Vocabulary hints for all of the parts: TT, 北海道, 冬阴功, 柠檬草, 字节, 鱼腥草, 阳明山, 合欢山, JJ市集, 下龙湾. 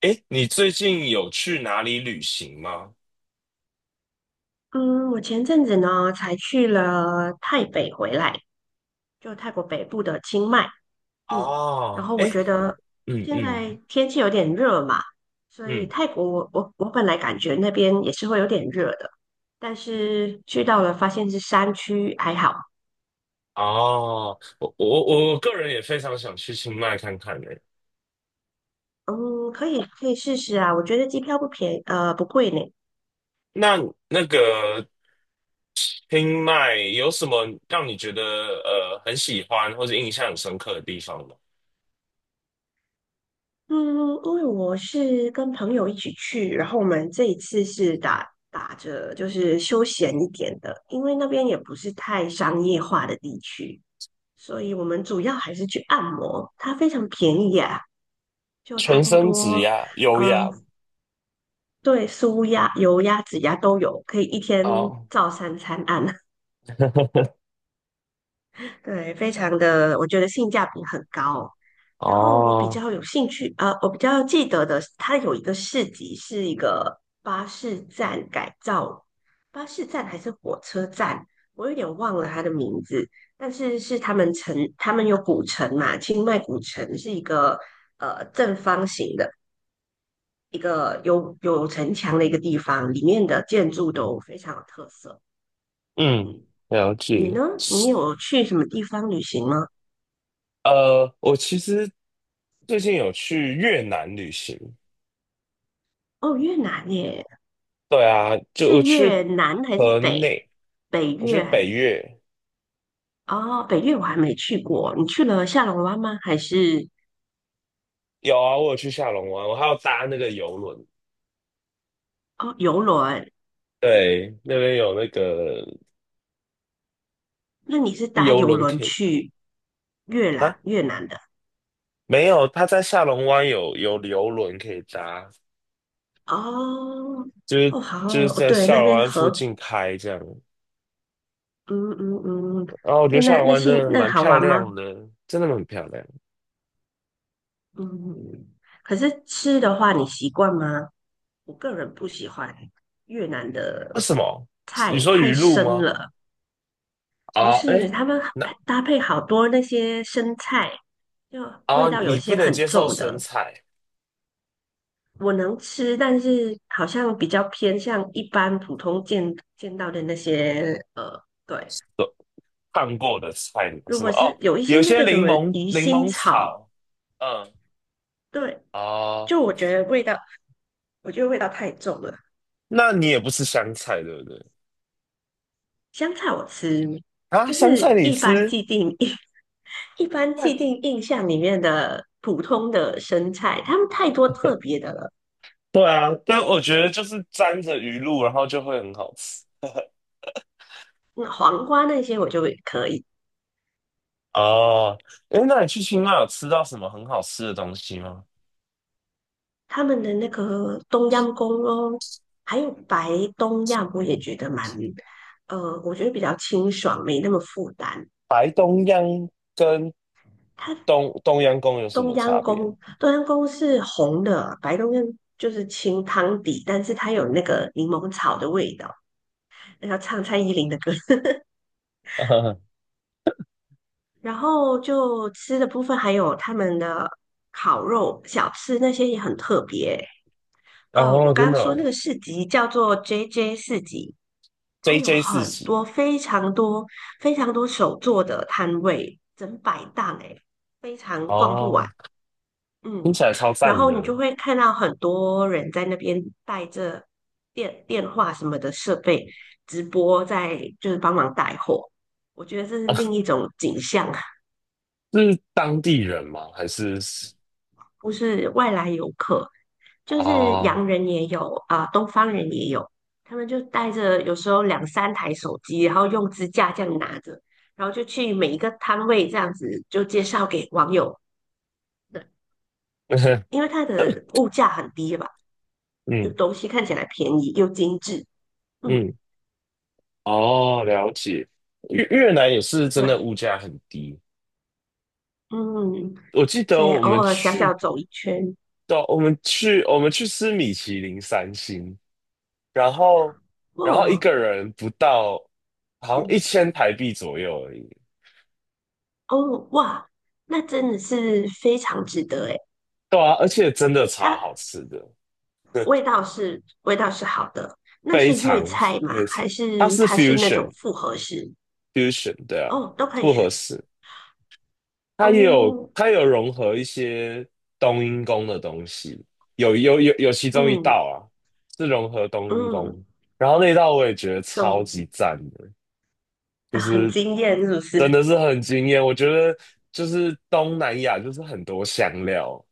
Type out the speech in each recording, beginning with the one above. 诶，你最近有去哪里旅行吗？嗯，我前阵子呢才去了泰北回来，就泰国北部的清迈。嗯，然哦，后我诶，觉得嗯现嗯在天气有点热嘛，所以嗯，泰国我本来感觉那边也是会有点热的，但是去到了发现是山区，还好。哦，我个人也非常想去清迈看看呢。嗯，可以可以试试啊，我觉得机票不贵呢。那那个清迈有什么让你觉得很喜欢或者印象很深刻的地方吗？嗯，因为我是跟朋友一起去，然后我们这一次是打着就是休闲一点的，因为那边也不是太商业化的地区，所以我们主要还是去按摩，它非常便宜啊，就差全不身指多，压，优雅嗯、对，舒压、油压、指压都有，可以一天哦，照三餐按。对，非常的，我觉得性价比很高。然后我比哦，较有兴趣，我比较记得的，它有一个市集，是一个巴士站改造，巴士站还是火车站，我有点忘了它的名字。但是他们有古城嘛，清迈古城是一个正方形的一个有城墙的一个地方，里面的建筑都非常有特色。嗯，嗯，了你解。呢？你有去什么地方旅行吗？我其实最近有去越南旅行。哦，越南耶，对啊，就我是去越南还是河北内，北我去越北还？越，哦，北越我还没去过。你去了下龙湾吗？还是有啊，我有去下龙湾，我还要搭那个游轮，哦游轮？对，那边有那个那你是搭游游轮轮可以去越搭啊，南越南的？没有，他在下龙湾有游轮可以搭，哦就是哦，好就是哦，在对，下那龙边湾附河，近开这样，嗯嗯嗯，然后我觉那得下那龙那湾真性的那蛮好漂玩吗？亮的，真的很漂亮。嗯，可是吃的话你习惯吗？我个人不喜欢越南的为什么？你菜，说太鱼露深吗？了。不啊，是，哎，他们那搭配好多那些生菜，就味啊，道有你不些能很接受重生的，菜。我能吃，但是好像比较偏向一般普通见到的那些对。烫过的菜如是吗？果哦，是有一些有那些个什柠么檬鱼柠腥檬草，草，嗯，对，哦，就我觉得味道，我觉得味道太重了。那你也不吃香菜对不对？香菜我吃，啊，就香菜是你一般吃？既定印 一般既定印象里面的普通的生菜，他们太多特别的了。对啊，但我觉得就是沾着鱼露，然后就会很好吃。嗯黄瓜那些我就可以，哦，诶，那你去清迈有吃到什么很好吃的东西吗？他们的那个冬阴功哦，还有白冬阴我也觉得蛮，我觉得比较清爽，没那么负担。白东央跟东东央宫有什冬么阴差别？功冬阴功是红的，白东阳就是清汤底，但是它有那个柠檬草的味道，那唱蔡依林的歌，然后就吃的部分还有他们的烤肉小吃那些也很特别。哦，哦，我刚真刚的说那哦个市集叫做 JJ 市集，它有，JJ 四很喜多非常多非常多手作的摊位，整百档诶，非常逛不完。哦，听嗯，起来超然赞后的。你就会看到很多人在那边带着电话什么的设备直播在，就是帮忙带货。我觉得这是另一种景象。是当地人吗？还是？不是外来游客，就是哦，洋人也有啊、东方人也有，他们就带着有时候两三台手机，然后用支架这样拿着，然后就去每一个摊位这样子就介绍给网友的，因为它的物价很低吧，就嗯东西看起来便宜又精致，嗯，嗯，哦，了解。越南也是真的物对，价很低，嗯，我记得所以我们偶尔小去小走一圈，到我们去我们去吃米其林三星，然后然后一哇，个人不到好像一嗯，千台币左右而已。哦，哇，那真的是非常值得诶。对啊，而且真的超好它吃的，味道是好的，那非是粤常菜吗？非常，还它是是 它是那 fusion 种复合式？fusion 对啊，哦，都可以复合选。式。它也有哦，它有融合一些冬阴功的东西，有有有有其中一道嗯啊是融合冬阴嗯，功，然后那道我也觉得超总级赞的，很惊艳是不真是？的是很惊艳。我觉得就是东南亚就是很多香料，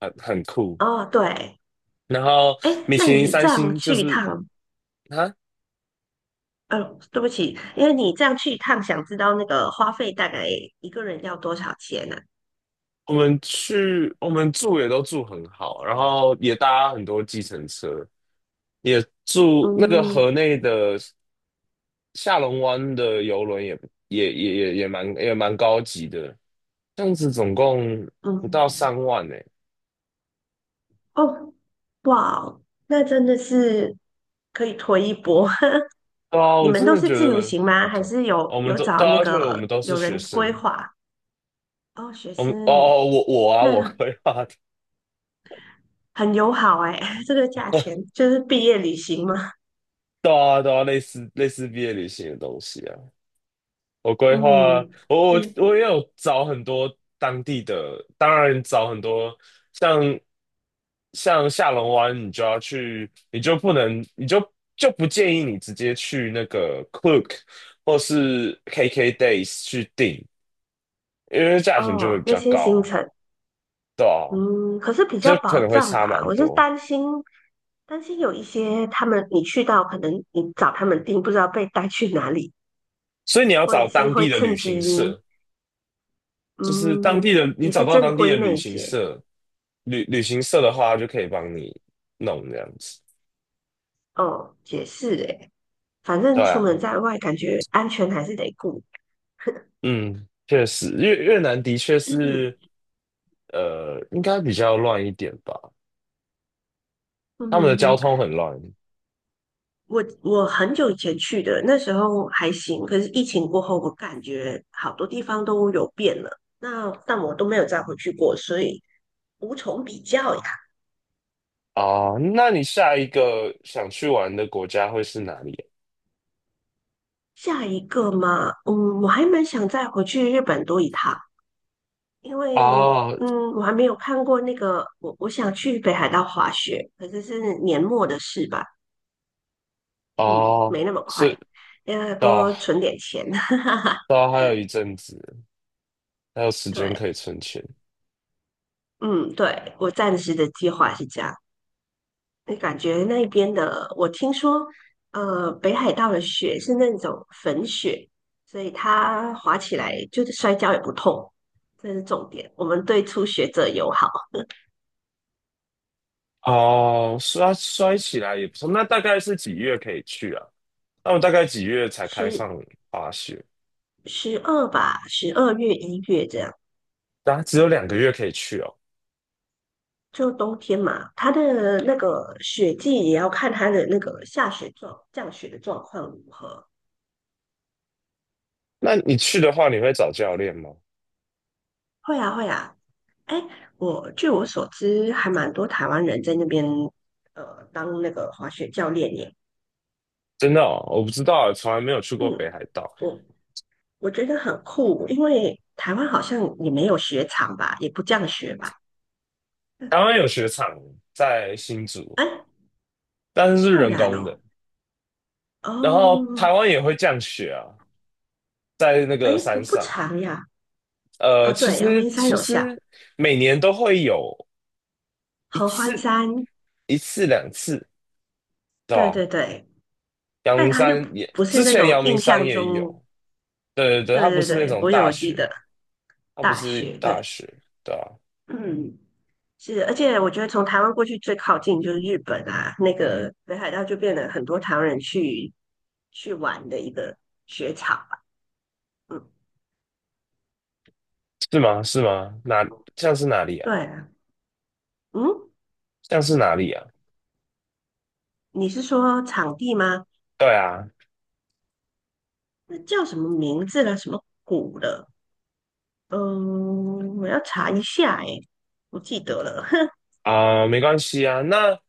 很酷。哦，对，然后哎，米那其林你三这样星就去一是趟，啊，呃，对不起，因为你这样去一趟，想知道那个花费大概一个人要多少钱呢、我们住也都住很好，然后也搭很多计程车，也住那个河嗯内的。下龙湾的游轮也蛮高级的，这样子总共不到嗯，3万呢、哦，哇哦，那真的是可以推一波。对啊，你我们真都的是觉自由得行吗？很还重。是有我们有都找那要去了，我个们都是有学人规生。划？哦，学我们哦生，哦，我那规划的，很友好哎，这个价钱就是毕业旅行嘛。对啊对啊，类似毕业旅行的东西啊。我规划，嗯，我我那我也有找很多当地的，当然找很多像像下龙湾，你就要去，你就不能，你就不建议你直接去那个 Klook 或是 KK Days 去订，因为价钱就会哦比那较些行高，程，对啊，嗯，可是比较就可保能会障差吧。蛮我是多，担心有一些他们你去到，可能你找他们订，不知道被带去哪里，所以你要或者找是当地会的旅趁行机，社，就是当地嗯，的，你也找是到正当地的规旅那一行些。社，旅行社的话就可以帮你弄这样子，哦，解是诶，反对正出啊。门在外，感觉安全还是得顾。嗯，确实，越南的确是，应该比较乱一点吧，他们的交嗯，通很乱我很久以前去的，那时候还行，可是疫情过后，我感觉好多地方都有变了。那但我都没有再回去过，所以无从比较呀。啊。那你下一个想去玩的国家会是哪里？下一个嘛，我还蛮想再回去日本多一趟，因为哦我还没有看过那个，我想去北海道滑雪，可是是年末的事吧，嗯，没哦，那么是快，要的，多存点钱。到还有一阵子，还有时间可以对，存钱。嗯，对，我暂时的计划是这样。那感觉那边的，我听说，北海道的雪是那种粉雪，所以它滑起来就是摔跤也不痛，这是重点。我们对初学者友好，哦，摔起来也不错。那大概是几月可以去啊？那我大概几月才开十放滑雪？十二吧，12月1月这样，啊，只有2个月可以去哦。就冬天嘛。它的那个雪季也要看它的那个下雪状降雪的状况如何。那你去的话，你会找教练吗？会啊，会啊，哎，我据我所知，还蛮多台湾人在那边当那个滑雪教练耶。真的哦，我不知道，从来没有去过北嗯，海道。我我觉得很酷，因为台湾好像也没有雪场吧，也不这样学吧。嗯，台湾有雪场在新竹，哎，但是是竟人然工的。哦，然后台哦，湾也会降雪啊，在那个哎，不山不上。长呀。呃，啊，其对，阳实明山其有下，实每年都会有一合欢次、山，一次、两次，对对吧？对对，阳但明它就山不也，不是之那前种阳明印山象也中，有。对对对，对它不对是那对，种我大有记雪，得它不大是学，大对，雪，对吧？嗯。是，而且我觉得从台湾过去最靠近就是日本啊，那个北海道就变得很多台湾人去玩的一个雪场吧。嗯，是吗？是吗？哪，像是哪里啊？对啊，嗯，像是哪里啊？你是说场地吗？对啊，那叫什么名字了？什么谷了？嗯，我要查一下诶，不记得了。哼，啊、没关系啊。那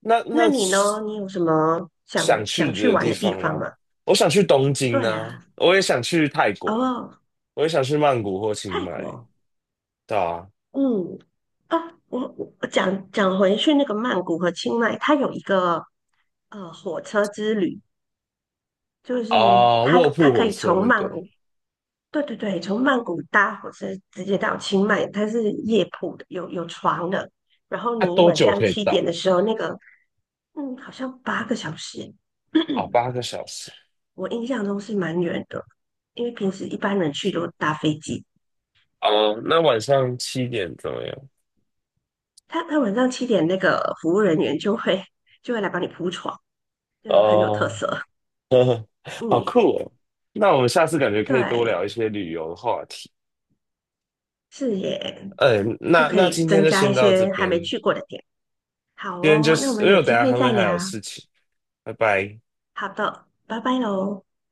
那那那你呢？你有什么想想去想去的玩地的地方方吗？吗？我想去东京对啊，啊，我也想去泰国，哦，我也想去曼谷或清泰迈，国。对啊，嗯，啊，我我讲讲回去那个曼谷和清迈，它有一个火车之旅，就是哦，它卧铺它可火以车从那曼个，谷，对对对，从曼谷搭火车直接到清迈，它是夜铺的，有床的，然后它、你多晚久上可以七点到？的时候，那个嗯，好像8个小时，哦，八 个小时。我印象中是蛮远的，因为平时一般人去都搭飞机，哦，那晚上7点怎么样？他晚上七点那个服务人员就会来帮你铺床，就很有特哦，色。好嗯，酷哦。那我们下次感觉可以多聊对，一些旅游的话题。是耶，嗯，就那可那以今天增就加一先到这些还没边，去过的点。好今天就哦，那我是们因为有我等机一下会再还聊。有事情，拜拜。好的，拜拜喽。